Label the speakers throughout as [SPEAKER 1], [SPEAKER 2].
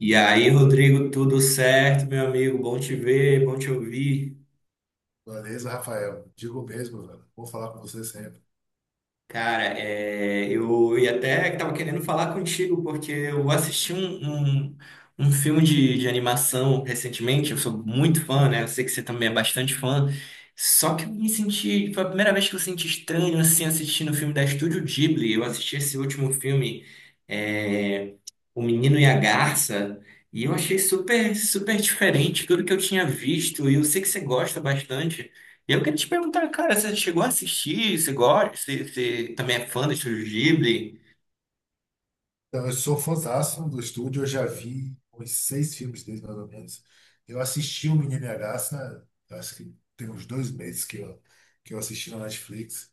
[SPEAKER 1] E aí, Rodrigo, tudo certo, meu amigo? Bom te ver, bom te ouvir.
[SPEAKER 2] Beleza, Rafael. Digo mesmo, velho. Vou falar com você sempre.
[SPEAKER 1] Cara, eu até estava querendo falar contigo, porque eu assisti um filme de animação recentemente, eu sou muito fã, né? Eu sei que você também é bastante fã. Só que eu me senti, foi a primeira vez que eu senti estranho assim assistindo o filme da Estúdio Ghibli. Eu assisti esse último filme, é, O Menino e a Garça, e eu achei super, super diferente tudo que eu tinha visto, e eu sei que você gosta bastante. E eu queria te perguntar, cara, você chegou a assistir? Você gosta? Você também é fã do Estúdio Ghibli?
[SPEAKER 2] Então, eu sou fãzasso do estúdio, eu já vi uns seis filmes deles, mais ou menos. Eu assisti o Menino e a Garça, eu acho que tem uns dois meses que eu assisti na Netflix.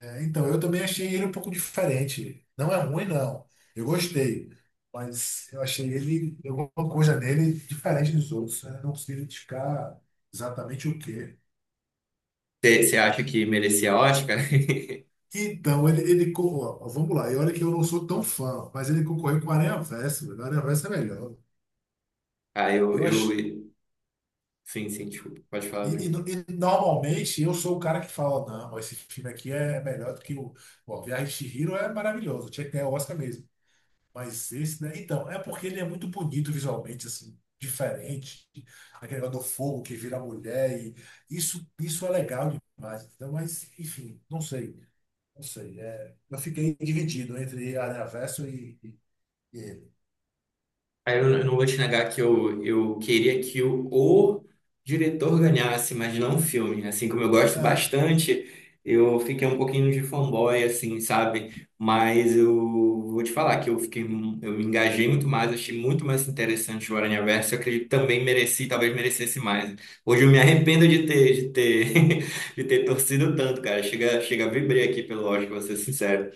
[SPEAKER 2] Então, eu também achei ele um pouco diferente. Não é ruim, não. Eu gostei, mas eu achei ele, alguma coisa nele diferente dos outros, né? Não consegui identificar exatamente o que.
[SPEAKER 1] Você acha que merecia Oscar?
[SPEAKER 2] Então, ele co- ó, ó, vamos lá, e olha que eu não sou tão fã, mas ele concorreu com o Aranha Versa, velho. O Aranha Versa é melhor.
[SPEAKER 1] Ah,
[SPEAKER 2] Eu acho,
[SPEAKER 1] sim, sim, desculpa, pode falar,
[SPEAKER 2] e
[SPEAKER 1] Bruno.
[SPEAKER 2] no- e normalmente eu sou o cara que fala, não, ó, esse filme aqui é melhor do que o. Ó, Viagem de Chihiro é maravilhoso, tinha que ganhar o Oscar mesmo. Mas esse, né? Então, é porque ele é muito bonito visualmente, assim, diferente. Aquele negócio do fogo que vira mulher, e isso é legal demais. Então, mas, enfim, não sei, não sei. Eu fiquei dividido entre Aranha Verso e. E-
[SPEAKER 1] Aí eu não vou te negar que eu queria que o diretor ganhasse, mas não o filme. Assim como eu gosto
[SPEAKER 2] ah,
[SPEAKER 1] bastante, eu fiquei um pouquinho de fanboy, assim, sabe? Mas eu vou te falar que eu fiquei, eu me engajei muito mais, achei muito mais interessante o Aranhaverso. Eu acredito que também mereci, talvez merecesse mais. Hoje eu me arrependo de ter torcido tanto, cara. Chega a vibrei aqui pelo Oscar, vou ser sincero.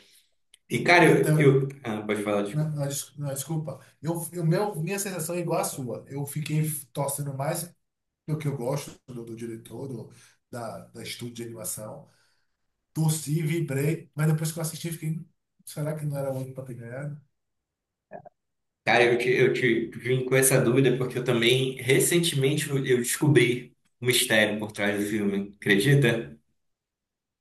[SPEAKER 1] E,
[SPEAKER 2] e-
[SPEAKER 1] cara,
[SPEAKER 2] então,
[SPEAKER 1] Ah, pode falar.
[SPEAKER 2] não, desculpa. Minha sensação é igual à sua. Eu fiquei torcendo mais pelo que eu gosto do diretor, da estúdio de animação. Torci, vibrei, mas depois que eu assisti, fiquei, será que não era o único para ter ganhado?"
[SPEAKER 1] Cara, eu te vim com essa dúvida porque eu também, recentemente, eu descobri o mistério por trás do filme, acredita?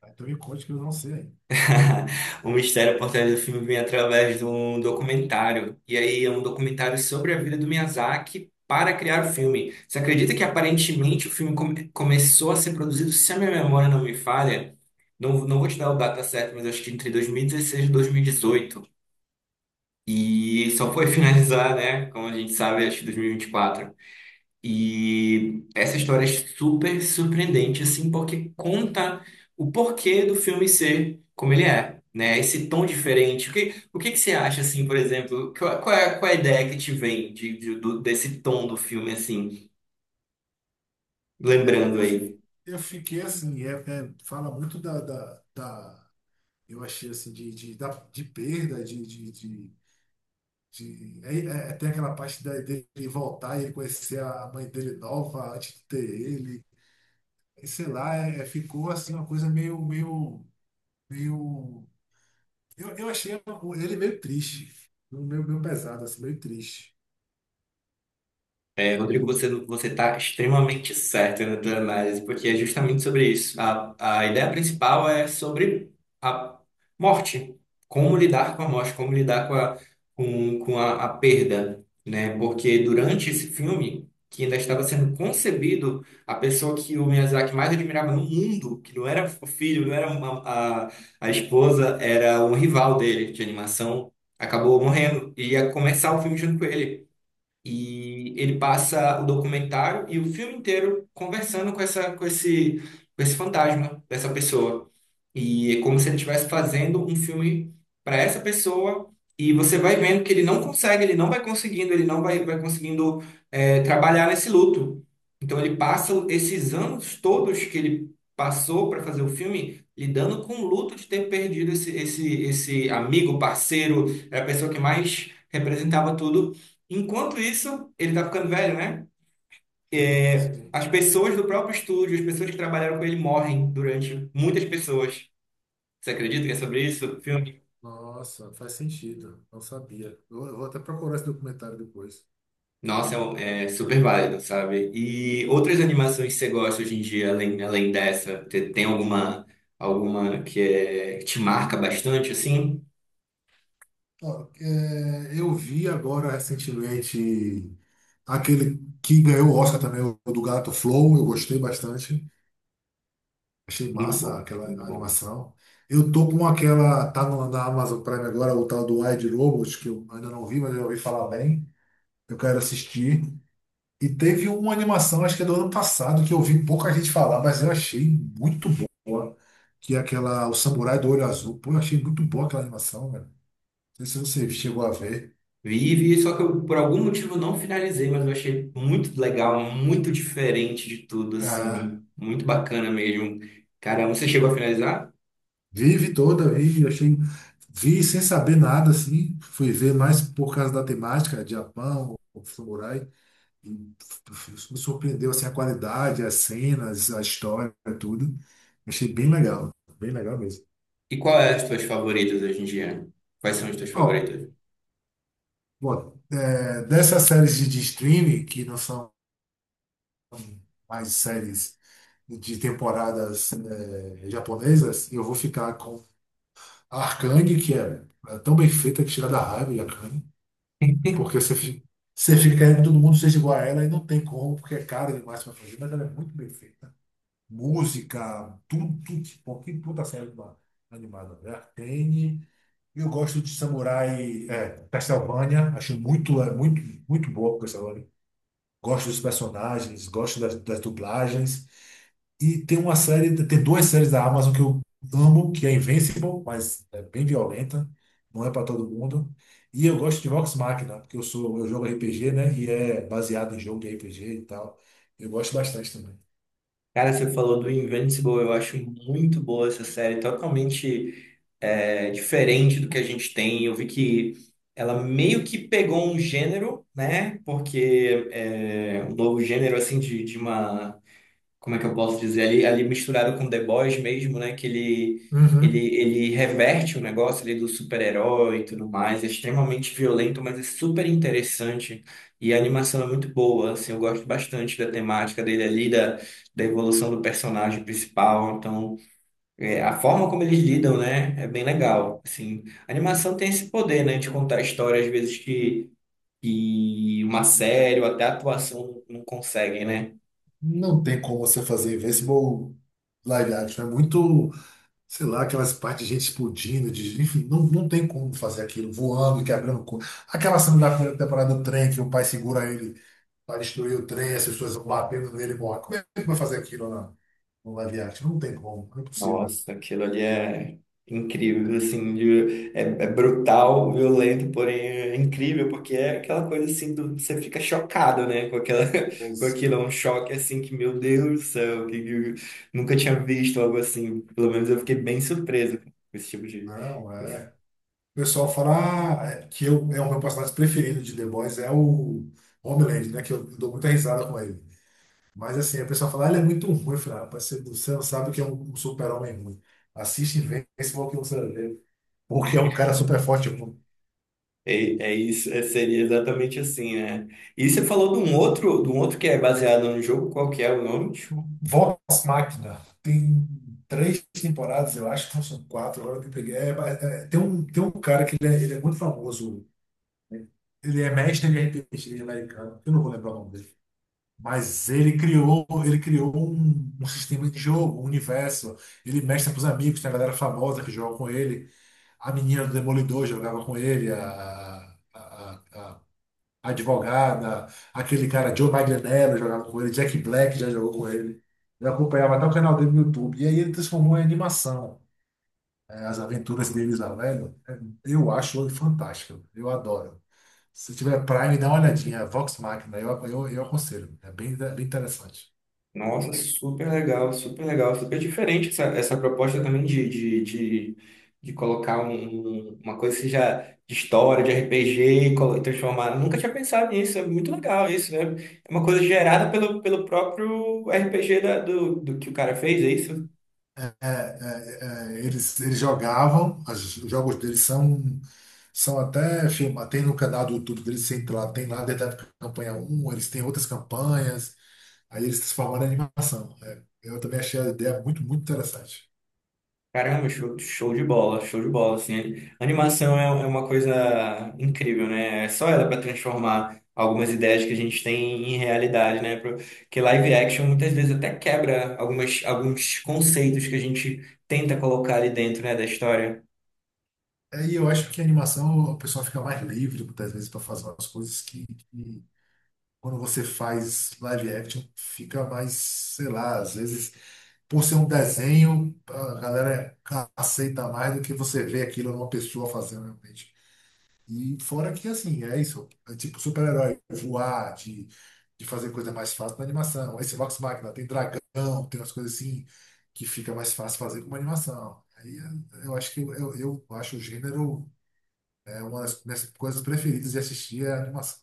[SPEAKER 2] Então me conte que eu não sei.
[SPEAKER 1] O mistério por trás do filme vem através de um documentário. E aí é um documentário sobre a vida do Miyazaki para criar o filme. Você acredita que aparentemente o filme começou a ser produzido, se a minha memória não me falha? Não, não vou te dar o data certo, mas acho que entre 2016 e 2018. E 2018. E só foi finalizar, né? Como a gente sabe, acho que 2024. E essa história é super surpreendente, assim, porque conta o porquê do filme ser como ele é, né? Esse tom diferente. O que que você acha, assim, por exemplo? Qual é a ideia que te vem desse tom do filme, assim,
[SPEAKER 2] Eu,
[SPEAKER 1] lembrando
[SPEAKER 2] eu, fi-
[SPEAKER 1] aí?
[SPEAKER 2] eu fiquei assim, fala muito da Eu achei assim, de perda, de- é, tem aquela parte da, dele voltar e ele conhecer a mãe dele nova antes de ter ele. E sei lá, ficou assim uma coisa meio. Eu achei o- ele meio triste. Meio pesado, assim, meio triste.
[SPEAKER 1] É, Rodrigo, você está extremamente certo na tua análise, porque é justamente sobre isso. A ideia principal é sobre a morte, como lidar com a morte, como lidar com a perda, né? Porque durante esse filme, que ainda estava sendo concebido, a pessoa que o Miyazaki mais admirava no mundo, que não era o filho, não era a, a esposa, era um rival dele de animação, acabou morrendo e ia começar o
[SPEAKER 2] Hum.
[SPEAKER 1] filme junto com ele. E ele passa o documentário e o filme inteiro conversando com esse fantasma dessa pessoa. E é como se ele estivesse fazendo um filme para essa pessoa, e você vai vendo que ele não consegue, ele não vai conseguindo, ele não vai conseguindo trabalhar nesse luto. Então ele passa esses anos todos que ele passou para fazer o filme lidando com o luto de ter perdido esse amigo, parceiro, era a pessoa que mais representava tudo. Enquanto isso, ele tá ficando velho, né?
[SPEAKER 2] Sim, sim.
[SPEAKER 1] As pessoas do próprio estúdio, as pessoas que trabalharam com ele morrem durante muitas pessoas. Você acredita que é sobre isso, o filme?
[SPEAKER 2] Nossa, faz sentido. Não sabia. Eu vou até procurar esse documentário depois.
[SPEAKER 1] Nossa, é super válido, sabe? E outras animações que você gosta hoje em dia, além dessa, tem alguma que te marca bastante, assim?
[SPEAKER 2] Ó, eu vi agora recentemente aquele que ganhou o Oscar também, o do Gato Flow. Eu gostei bastante. Achei
[SPEAKER 1] Muito
[SPEAKER 2] massa
[SPEAKER 1] bom,
[SPEAKER 2] aquela
[SPEAKER 1] muito bom.
[SPEAKER 2] animação. Eu tô com aquela. Tá no, na Amazon Prime agora, o tal do Wide Robot, que eu ainda não vi, mas eu ouvi falar bem. Eu quero assistir. E teve uma animação, acho que é do ano passado, que eu vi pouca gente falar, mas eu achei muito boa. Que é aquela, o Samurai do Olho Azul. Pô, eu achei muito boa aquela animação, velho. Não sei se você chegou a ver.
[SPEAKER 1] Vi, vi, só que eu, por algum motivo, não finalizei, mas eu achei muito legal, muito diferente de tudo,
[SPEAKER 2] Ah,
[SPEAKER 1] assim, muito bacana mesmo. Caramba, você chegou a finalizar?
[SPEAKER 2] vive toda, vi, achei. Vi sem saber nada, assim. Fui ver mais por causa da temática, Japão, o Samurai. E me surpreendeu, assim, a qualidade, as cenas, a história, tudo. Achei bem legal mesmo.
[SPEAKER 1] E qual é as tuas favoritas hoje em dia? Quais são as tuas
[SPEAKER 2] Ó,
[SPEAKER 1] favoritas?
[SPEAKER 2] bom, dessas séries de streaming, que não são mais séries de temporadas japonesas, eu vou ficar com a Arcane, é tão bem feita que tira da raiva de Arcane, porque você fica querendo que todo mundo seja igual a ela e não tem como, porque é cara demais para fazer, mas ela é muito bem feita. Música, tudo, tudo, tipo, que puta série uma- animada, né? Arcane. Eu gosto de Samurai Castlevania, acho muito, muito boa Castlevania. Gosto dos personagens, gosto das dublagens. E tem uma série, tem duas séries da Amazon que eu amo, que é Invincible, mas é bem violenta, não é para todo mundo. E eu gosto de Vox Machina, porque eu sou, eu jogo RPG, né? E é baseado em jogo de RPG e tal. Eu gosto bastante também.
[SPEAKER 1] Cara, você falou do Invincible, eu acho muito boa essa série, totalmente diferente do que a gente tem. Eu vi que ela meio que pegou um gênero, né? Porque é um novo gênero, assim, de uma como é que eu posso dizer, ali misturado com The Boys mesmo, né? Que ele, ele,
[SPEAKER 2] Uhum.
[SPEAKER 1] ele reverte o negócio ali do super-herói e tudo mais, é extremamente violento, mas é super interessante. E a animação é muito boa, assim, eu gosto bastante da temática dele ali, da evolução do personagem principal. Então, a forma como eles lidam, né, é bem legal. Assim, a animação tem esse poder, né, de contar histórias, às vezes, que uma série ou até a atuação não consegue, né?
[SPEAKER 2] Não tem como você fazer Invincible live action. É muito, sei lá, aquelas partes de gente explodindo, de, enfim, não tem como fazer aquilo, voando e quebrando. Aquela cena da primeira temporada do trem que o pai segura ele, vai destruir o trem, as pessoas vão batendo nele e morrem. Como é que vai fazer aquilo no live action? Não tem como, não é possível.
[SPEAKER 1] Nossa, aquilo ali é incrível, assim, é brutal, violento, porém é incrível, porque é aquela coisa assim, você fica chocado, né, com aquela, com
[SPEAKER 2] Os-
[SPEAKER 1] aquilo, é um choque assim que, meu Deus do céu, que eu nunca tinha visto algo assim, pelo menos eu fiquei bem surpreso com esse tipo de
[SPEAKER 2] Não, é.
[SPEAKER 1] coisa.
[SPEAKER 2] O pessoal fala ah, é, o meu personagem preferido de The Boys é o Homeland, né? Que eu dou muita risada com ele. Mas assim, a pessoa fala, ah, ele é muito ruim. Eu falo, ah, rapaz, você não sabe o que é um super-homem ruim. Assiste e vê se for o que você vê. Porque é um cara super forte.
[SPEAKER 1] É, é isso, seria exatamente assim, né? E você falou de um outro que é baseado no jogo, qual que é o nome?
[SPEAKER 2] Vox Machina tem três temporadas, eu acho que não são quatro, agora que eu peguei. É, mas, é, tem um cara ele é muito famoso, ele é mestre em RPG americano, eu não vou lembrar o nome dele. Mas ele criou um sistema de jogo, um universo. Ele mestra para os amigos, tem a galera famosa que joga com ele. A menina do Demolidor jogava com ele, a advogada, aquele cara Joe Manganiello jogava com ele, Jack Black já jogou com ele. Eu acompanhava até o canal dele no YouTube. E aí ele transformou em animação. É, as aventuras deles lá, velho. Eu acho ele fantástico. Eu adoro. Se tiver Prime, dá uma olhadinha. É Vox Machina, eu aconselho. É bem, bem interessante.
[SPEAKER 1] Nossa, super legal, super legal, super diferente essa proposta também de colocar uma coisa que seja de história, de RPG e transformar. Nunca tinha pensado nisso, é muito legal isso, né? É uma coisa gerada pelo próprio RPG do que o cara fez, é isso?
[SPEAKER 2] É, é, eles jogavam, os jogos deles são, são até filmados. Tem no canal do YouTube deles, tem lá desde a época da campanha um eles têm outras campanhas, aí eles transformaram em animação. É, eu também achei a ideia muito, muito interessante.
[SPEAKER 1] Caramba, show de bola, assim. Animação é uma coisa incrível, né? É só ela para transformar algumas ideias que a gente tem em realidade, né? Porque live action muitas vezes até quebra alguns conceitos que a gente tenta colocar ali dentro, né, da história.
[SPEAKER 2] É, e eu acho que a animação o pessoal fica mais livre muitas vezes para fazer umas coisas que, quando você faz live action, fica mais, sei lá, às vezes, por ser um desenho, a galera aceita mais do que você vê aquilo numa pessoa fazendo realmente. E fora que, assim, é isso. É tipo super-herói, voar, de fazer coisa mais fácil na animação. Esse Vox Machina tem dragão, tem umas coisas assim que fica mais fácil fazer com uma animação. Aí eu acho que eu acho o gênero é uma das minhas coisas preferidas de assistir é a animação.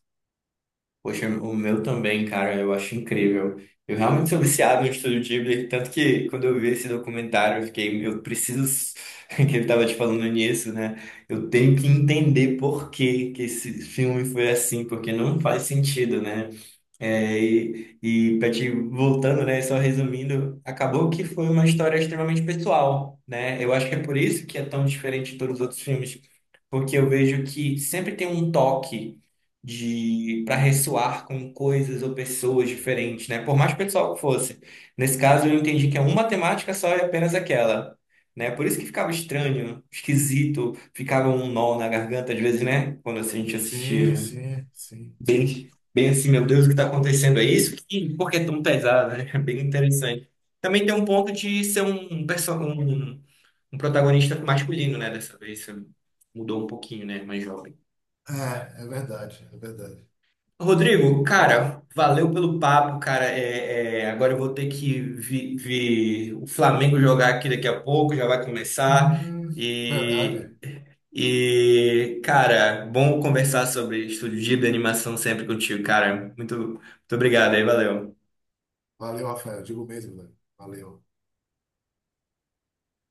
[SPEAKER 1] Poxa, o meu também, cara, eu acho incrível. Eu realmente sou viciado no Estúdio Ghibli, tanto que quando eu vi esse documentário, eu fiquei, eu preciso, que ele tava te falando nisso, né? Eu tenho que entender por que que esse filme foi assim, porque não faz sentido, né? É, e para te voltando, né, só resumindo, acabou que foi uma história extremamente pessoal, né? Eu acho que é por isso que é tão diferente de todos os outros filmes, porque eu vejo que sempre tem um toque de para ressoar com coisas ou pessoas diferentes, né? Por mais pessoal que fosse. Nesse caso, eu entendi que é uma temática só e apenas aquela, né? Por isso que ficava estranho, esquisito, ficava um nó na garganta às vezes, né? Quando a gente
[SPEAKER 2] Sim,
[SPEAKER 1] assistia.
[SPEAKER 2] sim, sim, sim.
[SPEAKER 1] Bem, bem assim, meu Deus, o que está acontecendo? É isso? E por que é tão pesado, né? Bem interessante. Também tem um ponto de ser um protagonista masculino, né? Dessa vez isso mudou um pouquinho, né? Mais jovem.
[SPEAKER 2] É, é verdade, é verdade.
[SPEAKER 1] Rodrigo, cara, valeu pelo papo, cara. Agora eu vou ter que ver o Flamengo jogar aqui daqui a pouco, já vai começar.
[SPEAKER 2] Hum,
[SPEAKER 1] E,
[SPEAKER 2] verdade.
[SPEAKER 1] e, cara, bom conversar sobre estúdio de animação sempre contigo, cara. Muito, muito obrigado aí, valeu.
[SPEAKER 2] Valeu, Rafael. Digo mesmo, velho. Valeu.